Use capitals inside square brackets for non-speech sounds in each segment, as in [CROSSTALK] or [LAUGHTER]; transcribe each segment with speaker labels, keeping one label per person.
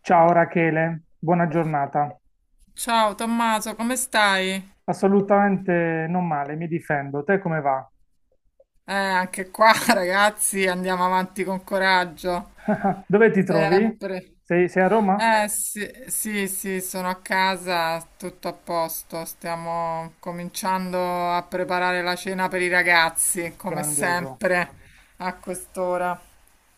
Speaker 1: Ciao Rachele, buona giornata.
Speaker 2: Ciao Tommaso, come stai?
Speaker 1: Assolutamente non male, mi difendo. Te come va?
Speaker 2: Anche qua [LAUGHS] ragazzi, andiamo avanti con coraggio,
Speaker 1: [LAUGHS] Dove ti trovi?
Speaker 2: sempre.
Speaker 1: Sei a Roma?
Speaker 2: Eh sì, sì, sì, sono a casa, tutto a posto, stiamo cominciando a preparare la cena per i ragazzi, come
Speaker 1: Grandioso.
Speaker 2: sempre, a quest'ora.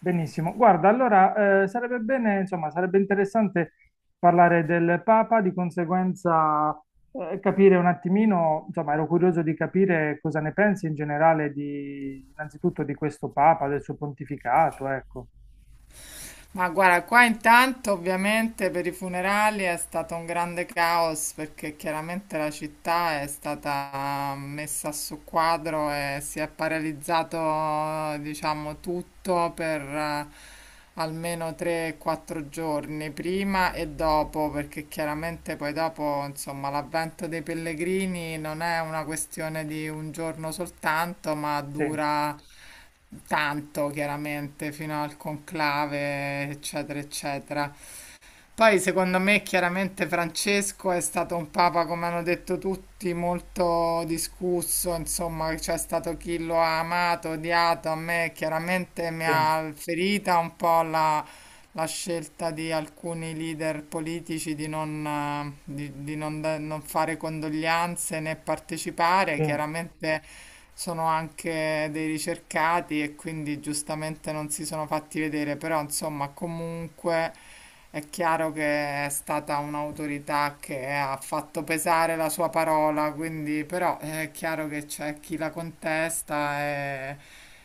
Speaker 1: Benissimo. Guarda, allora sarebbe bene, insomma, sarebbe interessante parlare del Papa, di conseguenza capire un attimino, insomma, ero curioso di capire cosa ne pensi in generale di, innanzitutto di questo Papa, del suo pontificato, ecco.
Speaker 2: Ma guarda, qua intanto ovviamente per i funerali è stato un grande caos perché chiaramente la città è stata messa su quadro e si è paralizzato, diciamo, tutto per almeno 3-4 giorni prima e dopo, perché chiaramente poi dopo, insomma, l'avvento dei pellegrini non è una questione di un giorno soltanto, ma
Speaker 1: Sì,
Speaker 2: dura tanto chiaramente fino al conclave, eccetera, eccetera. Poi secondo me chiaramente Francesco è stato un papa, come hanno detto tutti, molto discusso, insomma c'è stato chi lo ha amato, odiato, a me chiaramente mi
Speaker 1: sì,
Speaker 2: ha ferita un po' la scelta di alcuni leader politici di non, fare condoglianze né partecipare,
Speaker 1: sì.
Speaker 2: chiaramente sono anche dei ricercati e quindi giustamente non si sono fatti vedere, però insomma comunque. È chiaro che è stata un'autorità che ha fatto pesare la sua parola, quindi però è chiaro che c'è chi la contesta e,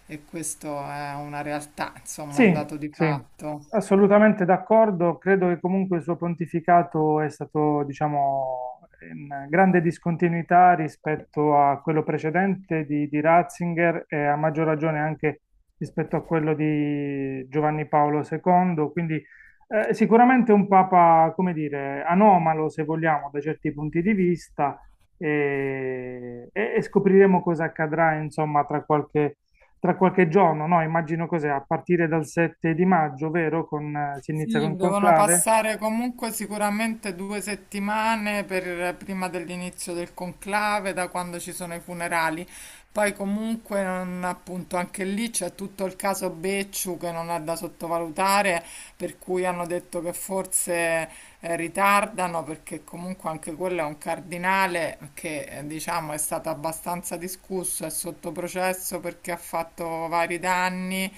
Speaker 2: e questo è una realtà, insomma, un
Speaker 1: Sì,
Speaker 2: dato di
Speaker 1: sì,
Speaker 2: fatto.
Speaker 1: assolutamente d'accordo. Credo che comunque il suo pontificato è stato, diciamo, in grande discontinuità rispetto a quello precedente di, Ratzinger e a maggior ragione anche rispetto a quello di Giovanni Paolo II. Quindi sicuramente un papa, come dire, anomalo se vogliamo da certi punti di vista e, e scopriremo cosa accadrà, insomma, tra qualche giorno, no? Immagino cos'è, a partire dal 7 di maggio, vero? Con, si inizia
Speaker 2: Sì,
Speaker 1: con
Speaker 2: devono
Speaker 1: Conclave?
Speaker 2: passare comunque sicuramente 2 settimane prima dell'inizio del conclave, da quando ci sono i funerali. Poi comunque appunto anche lì c'è tutto il caso Becciu che non è da sottovalutare, per cui hanno detto che forse ritardano, perché comunque anche quello è un cardinale che diciamo è stato abbastanza discusso, è sotto processo perché ha fatto vari danni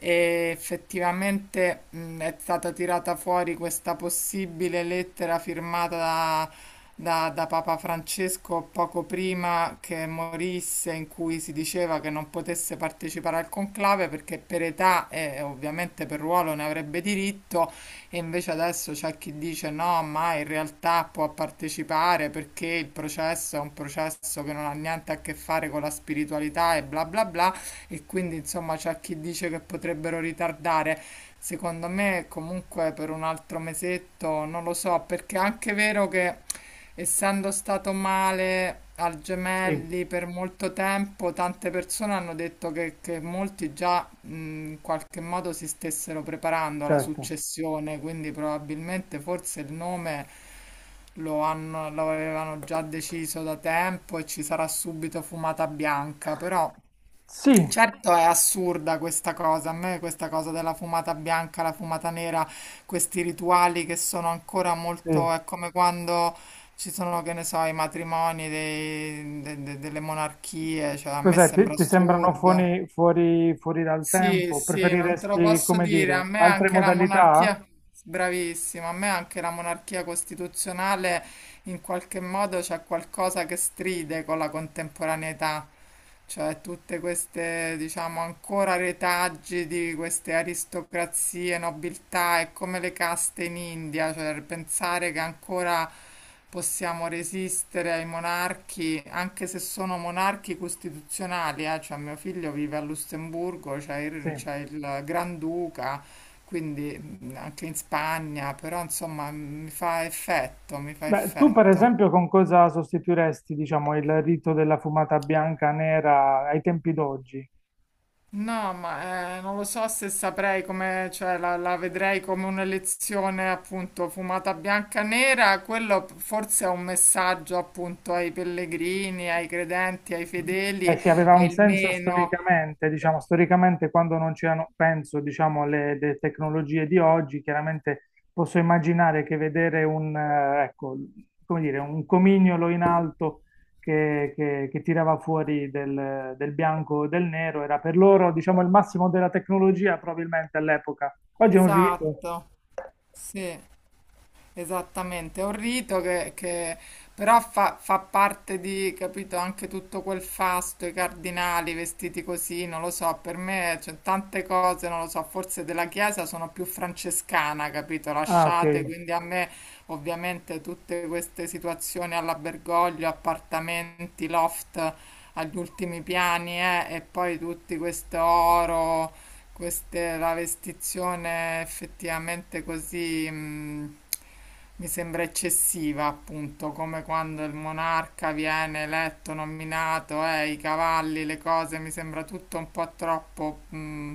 Speaker 2: e effettivamente è stata tirata fuori questa possibile lettera firmata da Papa Francesco poco prima che morisse, in cui si diceva che non potesse partecipare al conclave perché per età e ovviamente per ruolo ne avrebbe diritto, e invece adesso c'è chi dice no, ma in realtà può partecipare perché il processo è un processo che non ha niente a che fare con la spiritualità e bla bla bla e quindi insomma c'è chi dice che potrebbero ritardare. Secondo me comunque per un altro mesetto non lo so, perché è anche vero che essendo stato male al
Speaker 1: Sì,
Speaker 2: Gemelli per molto tempo, tante persone hanno detto che molti già in qualche modo si stessero preparando alla
Speaker 1: certo.
Speaker 2: successione, quindi probabilmente forse il nome lo avevano già deciso da tempo e ci sarà subito fumata bianca, però
Speaker 1: Sì,
Speaker 2: certo è assurda questa cosa, a me questa cosa della fumata bianca, la fumata nera, questi rituali che sono ancora molto,
Speaker 1: sì.
Speaker 2: è come quando ci sono, che ne so, i matrimoni delle monarchie, cioè a me
Speaker 1: Cos'è? Ti,
Speaker 2: sembra
Speaker 1: ti sembrano
Speaker 2: assurdo.
Speaker 1: fuori dal
Speaker 2: Sì,
Speaker 1: tempo?
Speaker 2: sì, non te lo
Speaker 1: Preferiresti,
Speaker 2: posso
Speaker 1: come
Speaker 2: dire, a
Speaker 1: dire,
Speaker 2: me
Speaker 1: altre
Speaker 2: anche la
Speaker 1: modalità?
Speaker 2: monarchia, bravissima, a me anche la monarchia costituzionale in qualche modo c'è qualcosa che stride con la contemporaneità, cioè tutte queste, diciamo, ancora retaggi di queste aristocrazie, nobiltà, è come le caste in India, cioè pensare che ancora possiamo resistere ai monarchi, anche se sono monarchi costituzionali, cioè mio figlio vive a Lussemburgo, c'è il,
Speaker 1: Sì.
Speaker 2: c'è il Granduca, quindi anche in Spagna, però insomma mi fa effetto, mi fa
Speaker 1: Beh, tu per
Speaker 2: effetto.
Speaker 1: esempio con cosa sostituiresti, diciamo, il rito della fumata bianca nera ai tempi d'oggi?
Speaker 2: No, ma non lo so se saprei come, cioè la vedrei come un'elezione appunto fumata bianca e nera, quello forse è un messaggio appunto ai pellegrini, ai credenti, ai fedeli,
Speaker 1: Eh sì, aveva
Speaker 2: è
Speaker 1: un
Speaker 2: il
Speaker 1: senso
Speaker 2: meno.
Speaker 1: storicamente, diciamo, storicamente quando non c'erano, penso, diciamo, alle le tecnologie di oggi, chiaramente posso immaginare che vedere un, ecco, come dire, un comignolo in alto che, che tirava fuori del, del bianco o del nero era per loro, diciamo, il massimo della tecnologia probabilmente all'epoca. Oggi è un rito.
Speaker 2: Esatto, sì. Esattamente, è un rito che però fa parte di, capito, anche tutto quel fasto, i cardinali vestiti così, non lo so, per me c'è tante cose, non lo so, forse della Chiesa sono più francescana, capito,
Speaker 1: Ah, ok.
Speaker 2: lasciate, quindi a me ovviamente tutte queste situazioni all'Abergoglio, appartamenti, loft agli ultimi piani, e poi tutti questo oro, la vestizione effettivamente così, mi sembra eccessiva, appunto, come quando il monarca viene eletto, nominato, i cavalli, le cose, mi sembra tutto un po' troppo,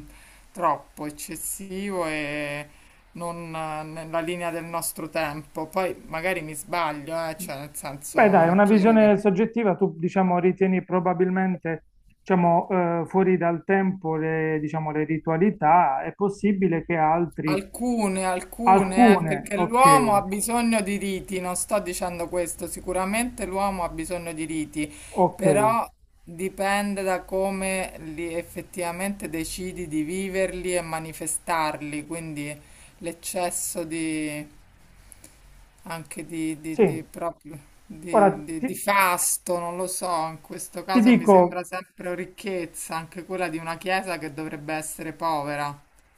Speaker 2: troppo eccessivo e non, nella linea del nostro tempo. Poi magari mi sbaglio, cioè nel
Speaker 1: Beh, dai,
Speaker 2: senso è
Speaker 1: una
Speaker 2: chiaro che.
Speaker 1: visione soggettiva, tu diciamo ritieni probabilmente diciamo, fuori dal tempo le, diciamo, le ritualità, è possibile che altri,
Speaker 2: Alcune, alcune,
Speaker 1: alcune,
Speaker 2: perché
Speaker 1: ok,
Speaker 2: l'uomo ha bisogno di riti, non sto dicendo questo, sicuramente l'uomo ha bisogno di riti,
Speaker 1: ok,
Speaker 2: però dipende da come li effettivamente decidi di viverli e manifestarli, quindi l'eccesso di, anche di
Speaker 1: sì,
Speaker 2: proprio, di,
Speaker 1: ora
Speaker 2: di- di
Speaker 1: ti,
Speaker 2: fasto, non lo so, in questo
Speaker 1: ti
Speaker 2: caso mi
Speaker 1: dico
Speaker 2: sembra sempre ricchezza, anche quella di una chiesa che dovrebbe essere povera,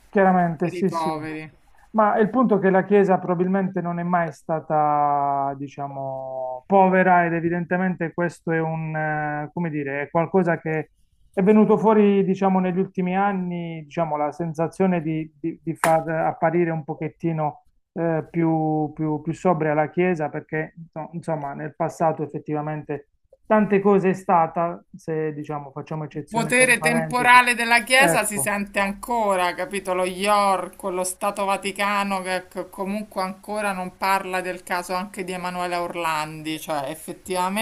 Speaker 1: chiaramente,
Speaker 2: per i
Speaker 1: sì, sì.
Speaker 2: poveri.
Speaker 1: Ma il punto è che la Chiesa probabilmente non è mai stata, diciamo, povera ed evidentemente questo è un, come dire, è qualcosa che è venuto fuori, diciamo, negli ultimi anni, diciamo, la sensazione di, di far apparire un pochettino più sobria la Chiesa perché, no, insomma, nel passato effettivamente tante cose è stata, se, diciamo, facciamo
Speaker 2: Il
Speaker 1: eccezione per la
Speaker 2: potere
Speaker 1: parentesi,
Speaker 2: temporale della Chiesa si
Speaker 1: ecco,
Speaker 2: sente ancora, capito? Lo York, lo Stato Vaticano che comunque ancora non parla del caso anche di Emanuela Orlandi, cioè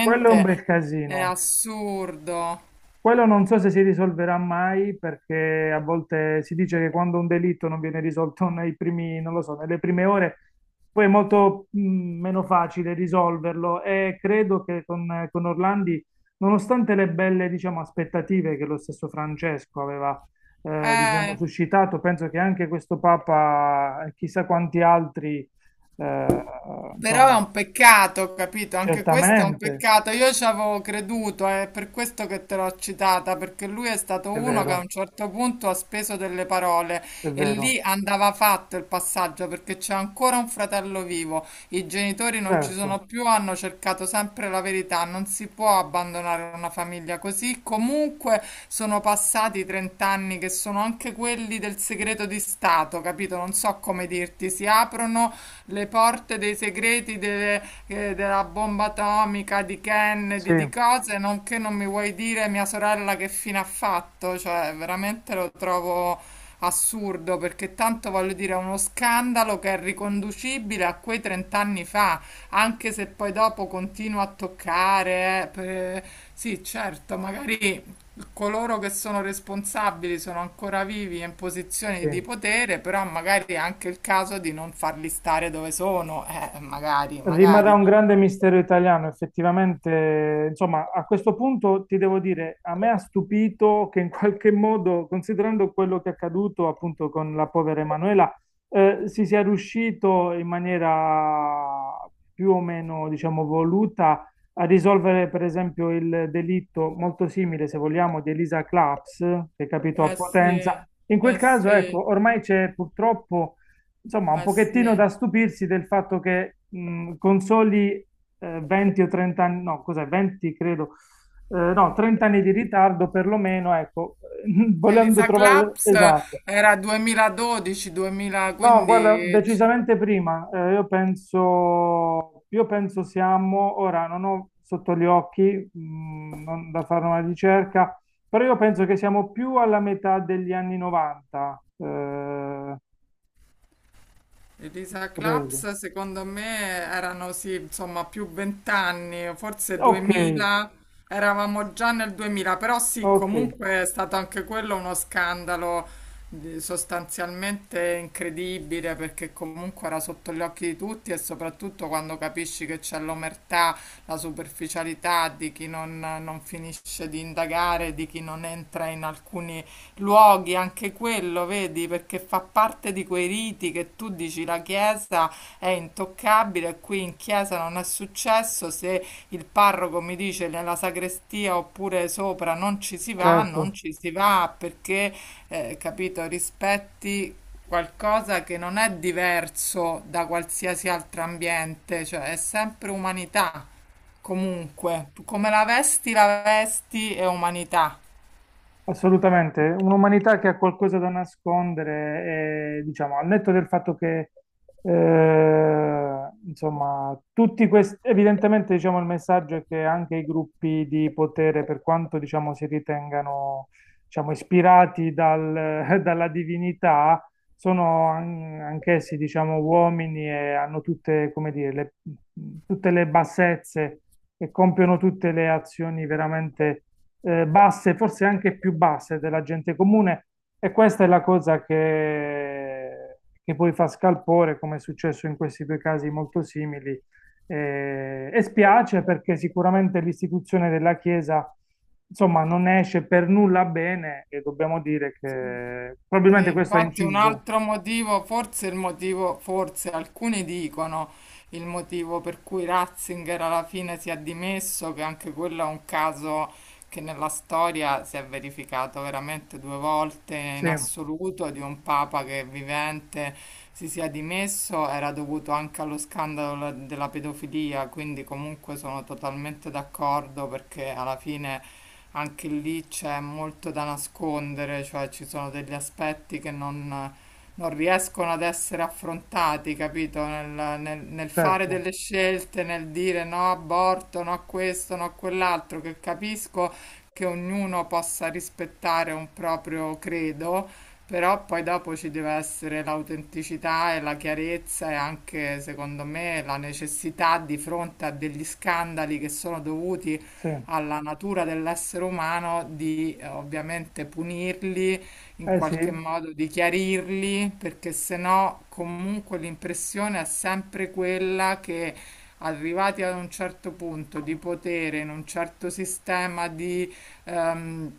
Speaker 1: quello è un bel
Speaker 2: è
Speaker 1: casino.
Speaker 2: assurdo.
Speaker 1: Quello non so se si risolverà mai perché a volte si dice che quando un delitto non viene risolto nei primi, non lo so, nelle prime ore, poi è molto meno facile risolverlo e credo che con Orlandi, nonostante le belle, diciamo, aspettative che lo stesso Francesco aveva, diciamo,
Speaker 2: Eh,
Speaker 1: suscitato, penso che anche questo Papa e chissà quanti altri, eh,
Speaker 2: Però è
Speaker 1: insomma,
Speaker 2: un peccato, capito? Anche questo è un
Speaker 1: certamente,
Speaker 2: peccato. Io ci avevo creduto, è per questo che te l'ho citata, perché lui è stato
Speaker 1: è
Speaker 2: uno che a
Speaker 1: vero,
Speaker 2: un certo punto ha speso delle parole
Speaker 1: è
Speaker 2: e
Speaker 1: vero,
Speaker 2: lì andava fatto il passaggio perché c'è ancora un fratello vivo. I genitori non ci
Speaker 1: certo,
Speaker 2: sono più, hanno cercato sempre la verità. Non si può abbandonare una famiglia così. Comunque sono passati 30 anni che sono anche quelli del segreto di Stato, capito? Non so come dirti, si aprono le porte dei segreti della bomba atomica, di
Speaker 1: sì.
Speaker 2: Kennedy, di cose, non che non mi vuoi dire mia sorella che fine ha fatto, cioè veramente lo trovo assurdo perché tanto voglio dire è uno scandalo che è riconducibile a quei 30 anni fa, anche se poi dopo continua a toccare, sì, certo, magari coloro che sono responsabili sono ancora vivi e in posizioni di
Speaker 1: Sì.
Speaker 2: potere, però magari è anche il caso di non farli stare dove sono, magari,
Speaker 1: Rimarrà un
Speaker 2: magari.
Speaker 1: grande mistero italiano, effettivamente. Insomma, a questo punto ti devo dire, a me ha stupito che in qualche modo, considerando quello che è accaduto appunto con la povera Emanuela, si sia riuscito in maniera più o meno, diciamo, voluta a risolvere, per esempio, il delitto molto simile, se vogliamo, di Elisa Claps, che è capito a
Speaker 2: Eh sì,
Speaker 1: Potenza. In quel
Speaker 2: eh
Speaker 1: caso,
Speaker 2: sì,
Speaker 1: ecco, ormai c'è purtroppo insomma, un
Speaker 2: eh sì.
Speaker 1: pochettino da stupirsi del fatto che con soli 20 o 30 anni, no, cos'è, 20 credo, no, 30 anni di ritardo perlomeno, ecco, [LAUGHS] volendo
Speaker 2: Elisa
Speaker 1: trovare
Speaker 2: Claps
Speaker 1: esatto.
Speaker 2: era
Speaker 1: No, guarda,
Speaker 2: 2012-2015.
Speaker 1: decisamente prima, io penso siamo, ora non ho sotto gli occhi, non da fare una ricerca, però io penso che siamo più alla metà degli anni 90,
Speaker 2: Elisa
Speaker 1: credo.
Speaker 2: Claps, secondo me, erano sì, insomma, più 20 anni, forse
Speaker 1: Ok,
Speaker 2: 2000, eravamo già nel 2000, però sì,
Speaker 1: ok.
Speaker 2: comunque è stato anche quello uno scandalo sostanzialmente incredibile, perché comunque era sotto gli occhi di tutti e soprattutto quando capisci che c'è l'omertà, la superficialità di chi non finisce di indagare, di chi non entra in alcuni luoghi, anche quello, vedi, perché fa parte di quei riti che tu dici la chiesa è intoccabile, qui in chiesa non è successo, se il parroco mi dice nella sagrestia oppure sopra non ci si va,
Speaker 1: Certo,
Speaker 2: non ci si va perché, capito, rispetti qualcosa che non è diverso da qualsiasi altro ambiente, cioè è sempre umanità, comunque, come la vesti è umanità.
Speaker 1: assolutamente. Un'umanità che ha qualcosa da nascondere, e, diciamo, al netto del fatto che, insomma, tutti questi, evidentemente, diciamo, il messaggio è che anche i gruppi di potere, per quanto, diciamo, si ritengano, diciamo, ispirati [LAUGHS] dalla divinità, sono anch'essi, diciamo, uomini e hanno tutte, come dire, tutte le bassezze e compiono tutte le azioni veramente basse, forse anche più basse della gente comune. E questa è la cosa che poi fa scalpore, come è successo in questi due casi molto simili. E spiace perché sicuramente l'istituzione della Chiesa, insomma, non ne esce per nulla bene e dobbiamo dire che
Speaker 2: Sì,
Speaker 1: probabilmente questo ha
Speaker 2: infatti un
Speaker 1: inciso.
Speaker 2: altro motivo, forse il motivo, forse alcuni dicono il motivo per cui Ratzinger alla fine si è dimesso, che anche quello è un caso che nella storia si è verificato veramente due volte in
Speaker 1: Sì,
Speaker 2: assoluto di un papa che vivente si sia dimesso, era dovuto anche allo scandalo della pedofilia, quindi comunque sono totalmente d'accordo perché alla fine anche lì c'è molto da nascondere, cioè ci sono degli aspetti che non riescono ad essere affrontati, capito? Nel fare
Speaker 1: certo,
Speaker 2: delle scelte, nel dire no aborto, no a questo, no a quell'altro, che capisco che ognuno possa rispettare un proprio credo, però poi dopo ci deve essere l'autenticità e la chiarezza e anche, secondo me, la necessità di fronte a degli scandali che sono dovuti
Speaker 1: sì.
Speaker 2: alla natura dell'essere umano di ovviamente punirli, in
Speaker 1: Eh
Speaker 2: qualche
Speaker 1: sì,
Speaker 2: modo di chiarirli, perché se no comunque l'impressione è sempre quella che arrivati ad un certo punto di potere in un certo sistema di ehm,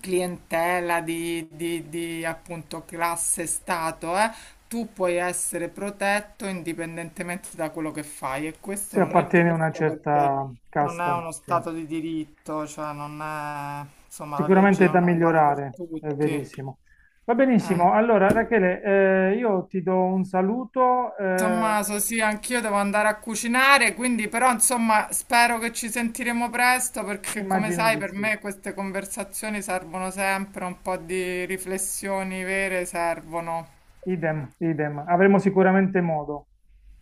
Speaker 2: clientela, di appunto classe, stato, tu puoi essere protetto indipendentemente da quello che fai e questo
Speaker 1: si
Speaker 2: non è
Speaker 1: appartiene a una
Speaker 2: giusto perché
Speaker 1: certa
Speaker 2: non è
Speaker 1: casta,
Speaker 2: uno
Speaker 1: sì.
Speaker 2: stato di diritto, cioè non è, insomma, la legge
Speaker 1: Sicuramente è da
Speaker 2: non è uguale per
Speaker 1: migliorare, è
Speaker 2: tutti.
Speaker 1: verissimo. Va
Speaker 2: Eh.
Speaker 1: benissimo. Allora, Rachele, io ti do un saluto,
Speaker 2: Tommaso, sì, anch'io devo andare a cucinare, quindi però insomma spero che ci sentiremo presto perché come
Speaker 1: immagino
Speaker 2: sai
Speaker 1: di
Speaker 2: per
Speaker 1: sì.
Speaker 2: me queste conversazioni servono sempre, un po' di riflessioni vere servono.
Speaker 1: Idem, idem. Avremo sicuramente modo.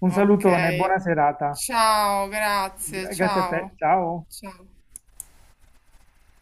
Speaker 1: Un
Speaker 2: Ok,
Speaker 1: salutone, buona serata.
Speaker 2: ciao, grazie,
Speaker 1: Grazie a te.
Speaker 2: ciao.
Speaker 1: Ciao.
Speaker 2: Ciao.